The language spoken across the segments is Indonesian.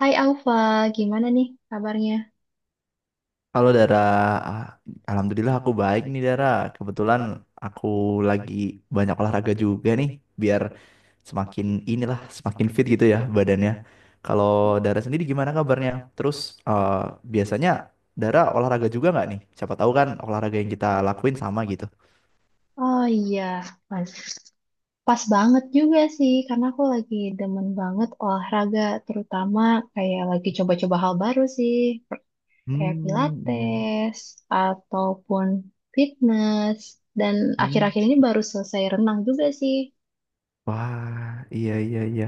Hai Alfa, gimana nih kabarnya? Halo Dara, Ah, Alhamdulillah aku baik nih Dara. Kebetulan aku lagi banyak olahraga juga nih, biar semakin inilah, semakin fit gitu ya badannya. Kalau Dara sendiri gimana kabarnya? Terus eh, biasanya Dara olahraga juga nggak nih? Siapa tahu kan olahraga yang kita lakuin sama gitu. Oh iya, pas, pas banget juga sih, karena aku lagi demen banget olahraga, terutama kayak lagi coba-coba hal baru sih, kayak Hmm, iya. pilates, ataupun fitness, dan Hmm. akhir-akhir ini baru selesai renang juga sih. Wah, iya iya iya.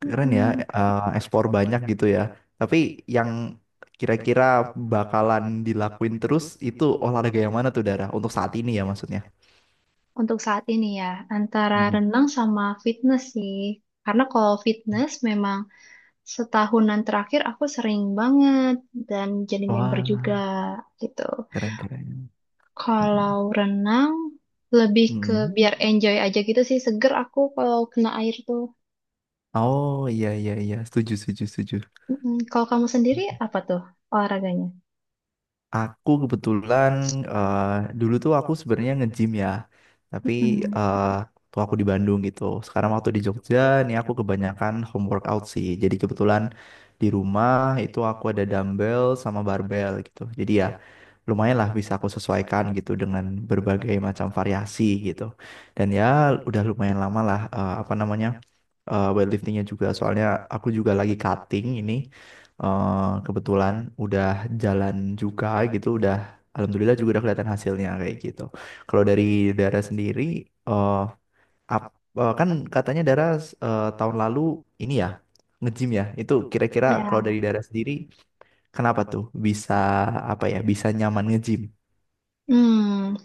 Keren ya, Mm-mm. Ekspor banyak gitu ya. Tapi yang kira-kira bakalan dilakuin terus itu olahraga yang mana tuh Dara? Untuk saat ini ya maksudnya. Untuk saat ini ya, antara Hmm. renang sama fitness sih, karena kalau fitness memang setahunan terakhir aku sering banget dan jadi member juga Wah, gitu. keren-keren. Kalau renang lebih ke biar enjoy aja gitu sih, seger aku kalau kena air tuh. Oh iya iya iya, setuju setuju setuju. Mm-mm. Kalau kamu sendiri apa tuh olahraganya? Aku kebetulan eh, dulu tuh aku sebenarnya nge-gym ya, tapi Mm-mm. eh tuh aku di Bandung gitu. Sekarang waktu di Jogja, nih aku kebanyakan home workout sih. Jadi kebetulan di rumah itu aku ada dumbbell sama barbell gitu. Jadi ya lumayan lah bisa aku sesuaikan gitu dengan berbagai macam variasi gitu. Dan ya udah lumayan lama lah apa namanya weightliftingnya juga. Soalnya aku juga lagi cutting ini eh, kebetulan udah jalan juga gitu, udah alhamdulillah juga udah kelihatan hasilnya kayak gitu. Kalau dari Dara sendiri, eh ap- kan katanya Dara tahun lalu ini ya nge-gym ya. Itu kira-kira kalau Ya, dari Dara sendiri, kenapa tuh bisa apa ya bisa nyaman nge-gym. hmm,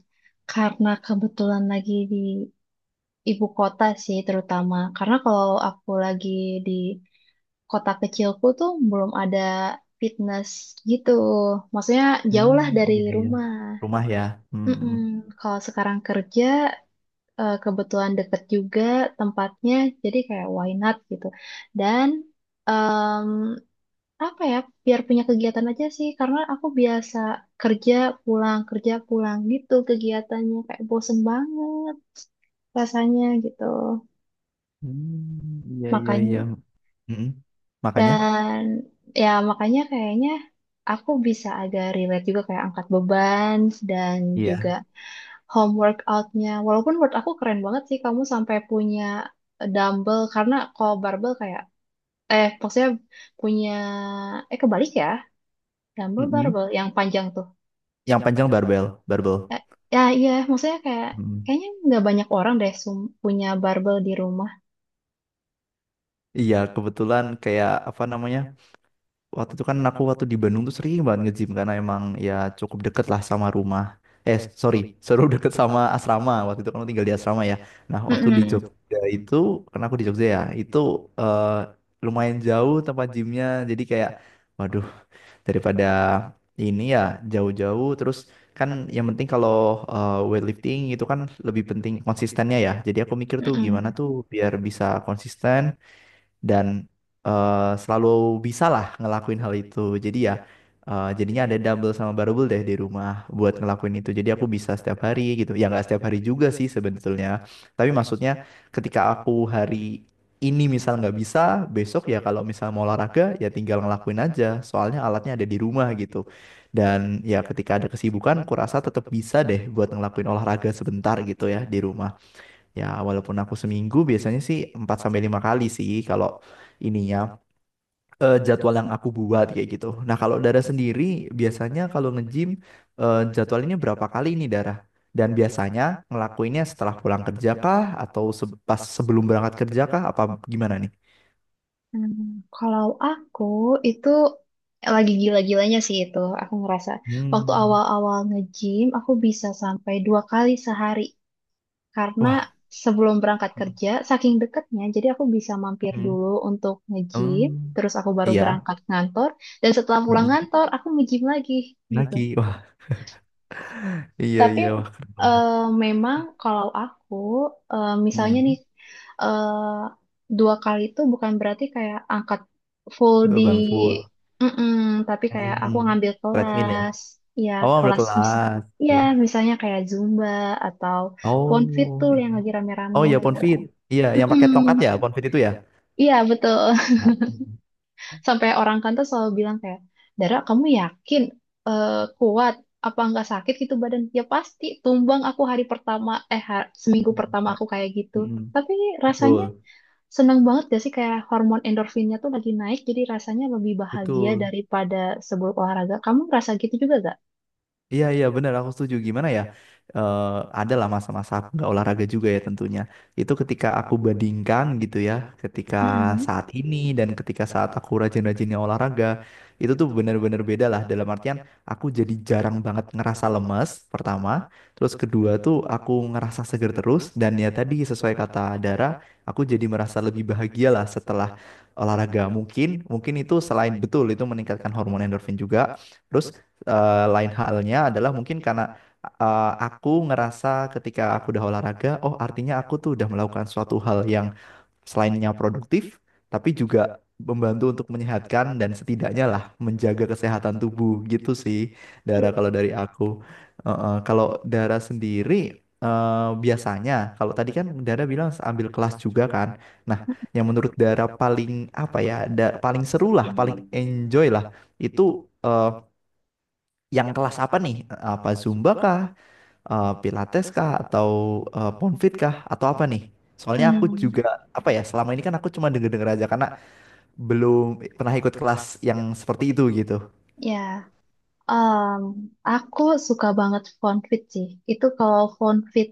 karena kebetulan lagi di ibu kota sih terutama. Karena kalau aku lagi di kota kecilku tuh belum ada fitness gitu. Maksudnya jauh Hmm, lah dari iya iya. rumah. Rumah ya? Hmm. Mm-mm. Kalau sekarang kerja kebetulan deket juga tempatnya, jadi kayak why not gitu. Dan em, apa ya, biar punya kegiatan aja sih, karena aku biasa kerja kerja pulang gitu kegiatannya kayak bosen banget rasanya gitu. Hmm, iya iya Makanya iya. Mm-mm. Makanya, dan ya makanya kayaknya aku bisa agak relate juga kayak angkat beban dan juga iya. home workoutnya. Walaupun menurut aku keren banget sih kamu sampai punya dumbbell karena kalau barbell kayak maksudnya punya kebalik ya dumbbell Mm-mm. barbell yang panjang tuh. Yang panjang barbel, barbel. Eh, ya iya maksudnya kayak kayaknya nggak banyak orang deh punya barbell di rumah. Iya, kebetulan kayak apa namanya? Waktu itu kan aku waktu di Bandung tuh sering banget nge-gym karena emang ya cukup deket lah sama rumah. Eh, sorry, seru deket sama asrama. Waktu itu kan aku tinggal di asrama ya. Nah, waktu di Mm-mm, Jogja itu, karena aku di Jogja ya, itu eh, lumayan jauh tempat gymnya. Jadi kayak, waduh, daripada ini ya jauh-jauh. Terus kan yang penting kalau weightlifting itu kan lebih penting konsistennya ya. Jadi aku mikir tuh gimana mm-mm. tuh biar bisa konsisten dan selalu bisa lah ngelakuin hal itu. Jadi ya jadinya ada double sama barbell deh di rumah buat ngelakuin itu. Jadi aku bisa setiap hari gitu. Ya nggak setiap hari juga sih sebetulnya. Tapi maksudnya ketika aku hari ini misal nggak bisa, besok ya kalau misal mau olahraga ya tinggal ngelakuin aja. Soalnya alatnya ada di rumah gitu. Dan ya ketika ada kesibukan, aku rasa tetap bisa deh buat ngelakuin olahraga sebentar gitu ya di rumah. Ya, walaupun aku seminggu biasanya sih 4 sampai 5 kali sih kalau ininya jadwal yang aku buat kayak gitu. Nah, kalau Dara sendiri biasanya kalau nge-gym jadwalnya berapa kali ini Dara? Dan biasanya ngelakuinnya setelah pulang kerja kah atau pas sebelum berangkat kerja kah apa gimana nih? Hmm, kalau aku itu lagi gila-gilanya sih itu. Aku ngerasa waktu Hmm. awal-awal nge-gym aku bisa sampai dua kali sehari karena Wah. sebelum berangkat kerja saking deketnya jadi aku bisa mampir Hmm. dulu untuk nge-gym Hmm. terus aku baru Iya. berangkat kantor dan setelah pulang Hmm. kantor aku nge-gym lagi gitu. Lagi. Wah, iya Tapi iya wah keren banget. eh, memang kalau aku misalnya nih Hmm. eh, dua kali itu bukan berarti kayak angkat full di Beban full. mm-mm, tapi kayak aku Hmm. ngambil Treadmill ya. kelas ya Oh, kelas misal berkelas. ya Iya. misalnya kayak Zumba atau Pon Oh fitul yang iya. lagi Oh tahu rame-rame iya kan gitu. Ponfit. Iya, yang pakai Mm-mm. tongkat ya ya. Ponfit itu ya. Ya. Iya betul. Nah, mm, Sampai orang kantor selalu bilang kayak, Dara kamu yakin eh, kuat apa nggak sakit gitu badan? Ya pasti tumbang aku hari pertama seminggu mm, pertama aku kayak gitu. mm. Mm, Tapi rasanya betul, seneng banget gak sih kayak hormon endorfinnya tuh lagi naik jadi rasanya lebih bahagia betul. daripada sebelum olahraga. Kamu ngerasa gitu juga gak? Iya iya benar aku setuju gimana ya eh ada lah masa-masa aku nggak olahraga juga ya tentunya itu ketika aku bandingkan gitu ya ketika Mm-mm. saat ini dan ketika saat aku rajin-rajinnya olahraga itu tuh benar-benar beda lah dalam artian aku jadi jarang banget ngerasa lemes pertama terus kedua tuh aku ngerasa seger terus dan ya tadi sesuai kata Dara aku jadi merasa lebih bahagia lah setelah olahraga mungkin mungkin itu selain betul itu meningkatkan hormon endorfin juga terus. Lain halnya adalah mungkin karena aku ngerasa ketika aku udah olahraga, oh artinya aku tuh udah melakukan suatu hal yang selainnya produktif, tapi juga membantu untuk menyehatkan dan setidaknya lah menjaga kesehatan tubuh gitu sih, Dara Iya. kalau dari aku. Kalau Dara sendiri biasanya kalau tadi kan Dara bilang ambil kelas juga kan. Nah, yang menurut Dara paling apa ya, paling seru lah, paling enjoy lah itu yang kelas apa nih? Apa Zumba kah? Pilates kah? Atau Ponfit kah? Atau apa nih? Soalnya aku Hmm, juga apa ya selama ini kan aku cuma denger-denger aja karena belum pernah ikut kelas yang seperti itu gitu. ya, Em, aku suka banget fonfit sih. Itu kalau fonfit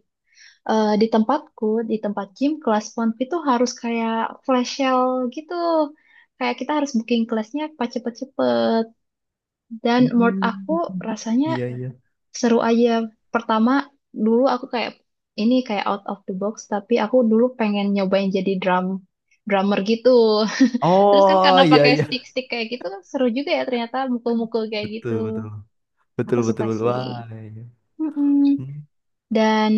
eh, di tempatku, di tempat gym, kelas PONP itu harus kayak flash sale gitu. Kayak kita harus booking kelasnya pas cepet-cepet. Dan menurut aku rasanya Iya iya. seru aja. Pertama, dulu aku kayak, ini kayak out of the box, tapi aku dulu pengen nyobain jadi drummer gitu. Terus kan Oh karena iya pakai iya. stick-stick kayak gitu, kan seru juga ya ternyata mukul-mukul kayak gitu. Betul betul betul Aku suka betul betul. sih. Wah iya. Mm-mm. Hmm. Dan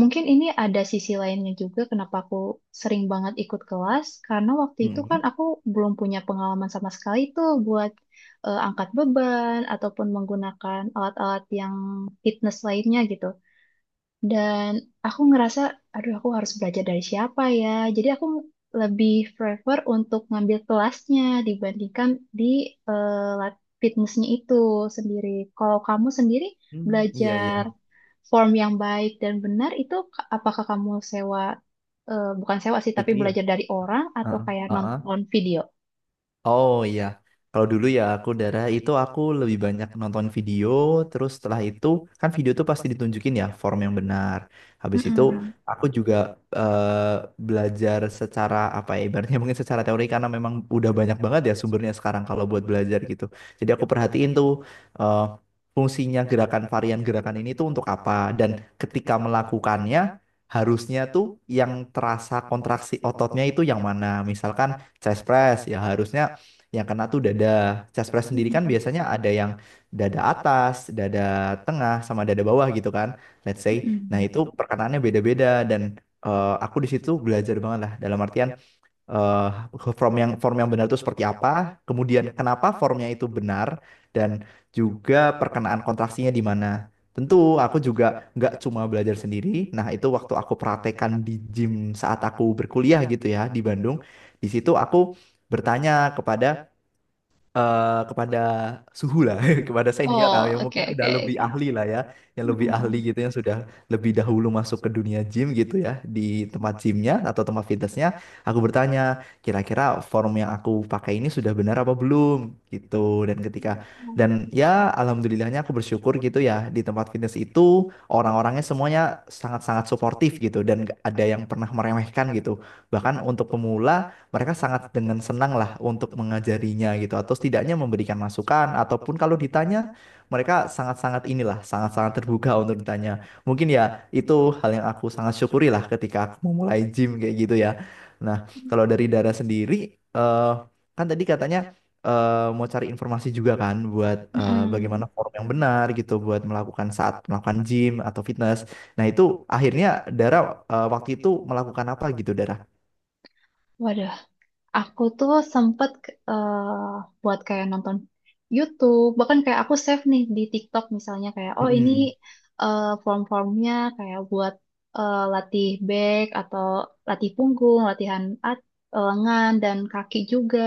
mungkin ini ada sisi lainnya juga kenapa aku sering banget ikut kelas, karena waktu itu kan Hmm. aku belum punya pengalaman sama sekali tuh buat angkat beban ataupun menggunakan alat-alat yang fitness lainnya gitu. Dan aku ngerasa, aduh aku harus belajar dari siapa ya. Jadi aku lebih prefer untuk ngambil kelasnya dibandingkan di eh, lab fitnessnya itu sendiri. Kalau kamu sendiri Hmm. Iya iya. belajar form yang baik dan benar itu apakah kamu sewa, bukan sewa sih, tapi Itu ya. belajar dari orang atau kayak Heeh. nonton video? Oh iya, kalau dulu ya aku darah itu aku lebih banyak nonton video, terus setelah itu kan video tuh pasti ditunjukin ya form yang benar. Habis itu Mm-mm. aku juga eh, belajar secara apa ya, ibaratnya mungkin secara teori karena memang udah banyak banget ya sumbernya sekarang kalau buat belajar gitu. Jadi aku perhatiin tuh eh, fungsinya gerakan varian gerakan ini tuh untuk apa dan ketika melakukannya harusnya tuh yang terasa kontraksi ototnya itu yang mana. Misalkan chest press ya harusnya yang kena tuh dada, caspres sendiri kan Mm-mm. biasanya ada yang dada atas, dada tengah, sama dada bawah gitu kan, let's say. Nah Mm-mm. itu perkenaannya beda-beda dan aku di situ belajar banget lah dalam artian eh, form yang benar itu seperti apa, kemudian kenapa formnya itu benar dan juga perkenaan kontraksinya di mana. Tentu aku juga nggak cuma belajar sendiri. Nah itu waktu aku praktekan di gym saat aku berkuliah gitu ya di Bandung. Di situ aku bertanya kepada kepada suhu lah, kepada senior lah, Oh, yang oke, mungkin udah oke, lebih oke. ahli lah ya, yang lebih ahli Mm-mm. gitu, yang sudah lebih dahulu masuk ke dunia gym gitu ya, di tempat gymnya atau tempat fitnessnya, aku bertanya, kira-kira form yang aku pakai ini sudah benar apa belum gitu, dan ketika, dan ya alhamdulillahnya aku bersyukur gitu ya, di tempat fitness itu orang-orangnya semuanya sangat-sangat suportif gitu, dan nggak ada yang pernah meremehkan gitu, bahkan untuk pemula mereka sangat dengan senang lah untuk mengajarinya gitu atau setidaknya memberikan masukan ataupun kalau ditanya mereka sangat-sangat inilah sangat-sangat terbuka untuk ditanya mungkin ya itu hal yang aku sangat syukuri lah ketika aku memulai gym kayak gitu ya. Nah kalau dari Dara sendiri eh, kan tadi katanya eh, mau cari informasi juga kan buat Mm-mm. bagaimana form yang benar gitu buat melakukan saat melakukan gym atau fitness, nah itu akhirnya Dara waktu itu melakukan apa gitu Dara. Waduh, aku tuh sempet eh, buat kayak nonton YouTube, bahkan kayak aku save nih di TikTok misalnya kayak oh ini Mm-mm. Form-formnya kayak buat latih back atau latih punggung, lengan dan kaki juga.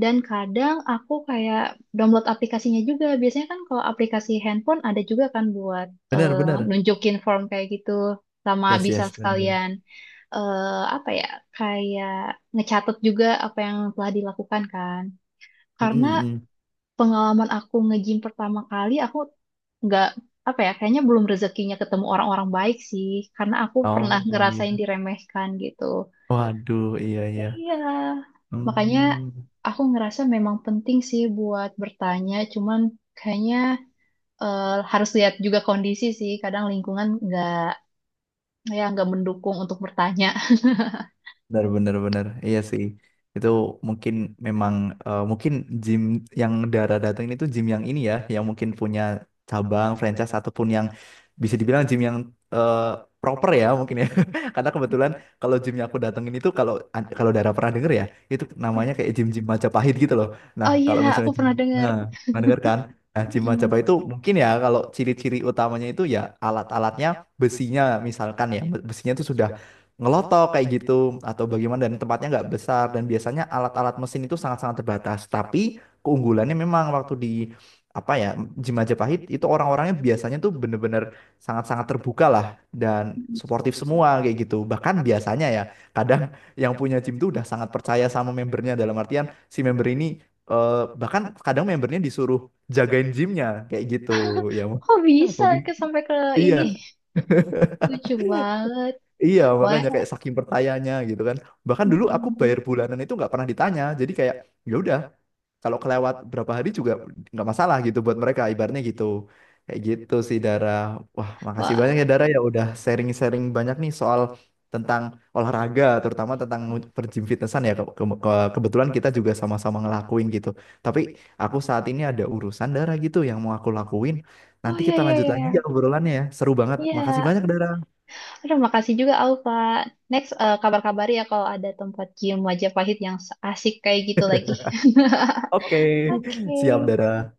Dan kadang aku kayak download aplikasinya juga. Biasanya kan kalau aplikasi handphone ada juga kan buat Benar, eh, benar. nunjukin form kayak gitu. Sama Yes, bisa yes, benar benar. sekalian eh, apa ya kayak ngecatat juga apa yang telah dilakukan kan. Mm, Karena mm, mm. pengalaman aku nge-gym pertama kali aku nggak apa ya kayaknya belum rezekinya ketemu orang-orang baik sih. Karena aku pernah Oh ngerasain iya. diremehkan gitu. Waduh, iya iya. Iya. Makanya Hmm. aku ngerasa memang penting sih buat bertanya, cuman kayaknya harus lihat juga kondisi sih. Kadang lingkungan nggak ya nggak mendukung untuk bertanya. Benar, benar, benar. Iya sih. Itu mungkin memang mungkin gym yang Dara datang ini tuh gym yang ini ya, yang mungkin punya cabang, franchise ataupun yang bisa dibilang gym yang eh, proper ya mungkin ya. Karena kebetulan kalau gym yang aku datengin itu kalau kalau Dara pernah denger ya, itu namanya Ya. kayak gym-gym Majapahit gitu loh. Nah, Oh iya, kalau aku misalnya gym pernah dengar. nah, pernah denger kan? Nah, gym Majapahit Mm, itu mungkin ya kalau ciri-ciri utamanya itu ya alat-alatnya besinya misalkan ya, besinya itu sudah ngelotok kayak gitu atau bagaimana dan tempatnya nggak besar dan biasanya alat-alat mesin itu sangat-sangat terbatas tapi keunggulannya memang waktu di apa ya, Gym Majapahit itu orang-orangnya biasanya tuh bener-bener sangat-sangat terbuka lah dan mm. suportif semua kayak gitu bahkan biasanya ya kadang yang punya gym tuh udah sangat percaya sama membernya dalam artian si member ini eh, bahkan kadang membernya disuruh jagain gymnya kayak gitu ya Kok bisa mungkin ke sampai ke iya. ini? Lucu banget. Iya, Wah. makanya kayak saking pertanyanya gitu kan. Bahkan dulu aku Mm. bayar bulanan itu nggak pernah ditanya. Jadi kayak ya udah, kalau kelewat berapa hari juga nggak masalah gitu buat mereka ibaratnya gitu. Kayak gitu sih Dara. Wah, makasih banyak ya Wah. Dara ya udah sharing-sharing banyak nih soal tentang olahraga, terutama tentang bergym fitnessan ya. Kebetulan kita juga sama-sama ngelakuin gitu. Tapi aku saat ini ada urusan Dara gitu yang mau aku lakuin. Oh Nanti iya kita iya lanjut iya. Iya. lagi ya obrolannya ya. Seru banget. Makasih Iya. banyak Dara. Terima kasih juga Alfa. Next, kabar-kabari ya kalau ada tempat gym Wajah Pahit yang asik kayak gitu lagi. Oke, Oke. siap Dara.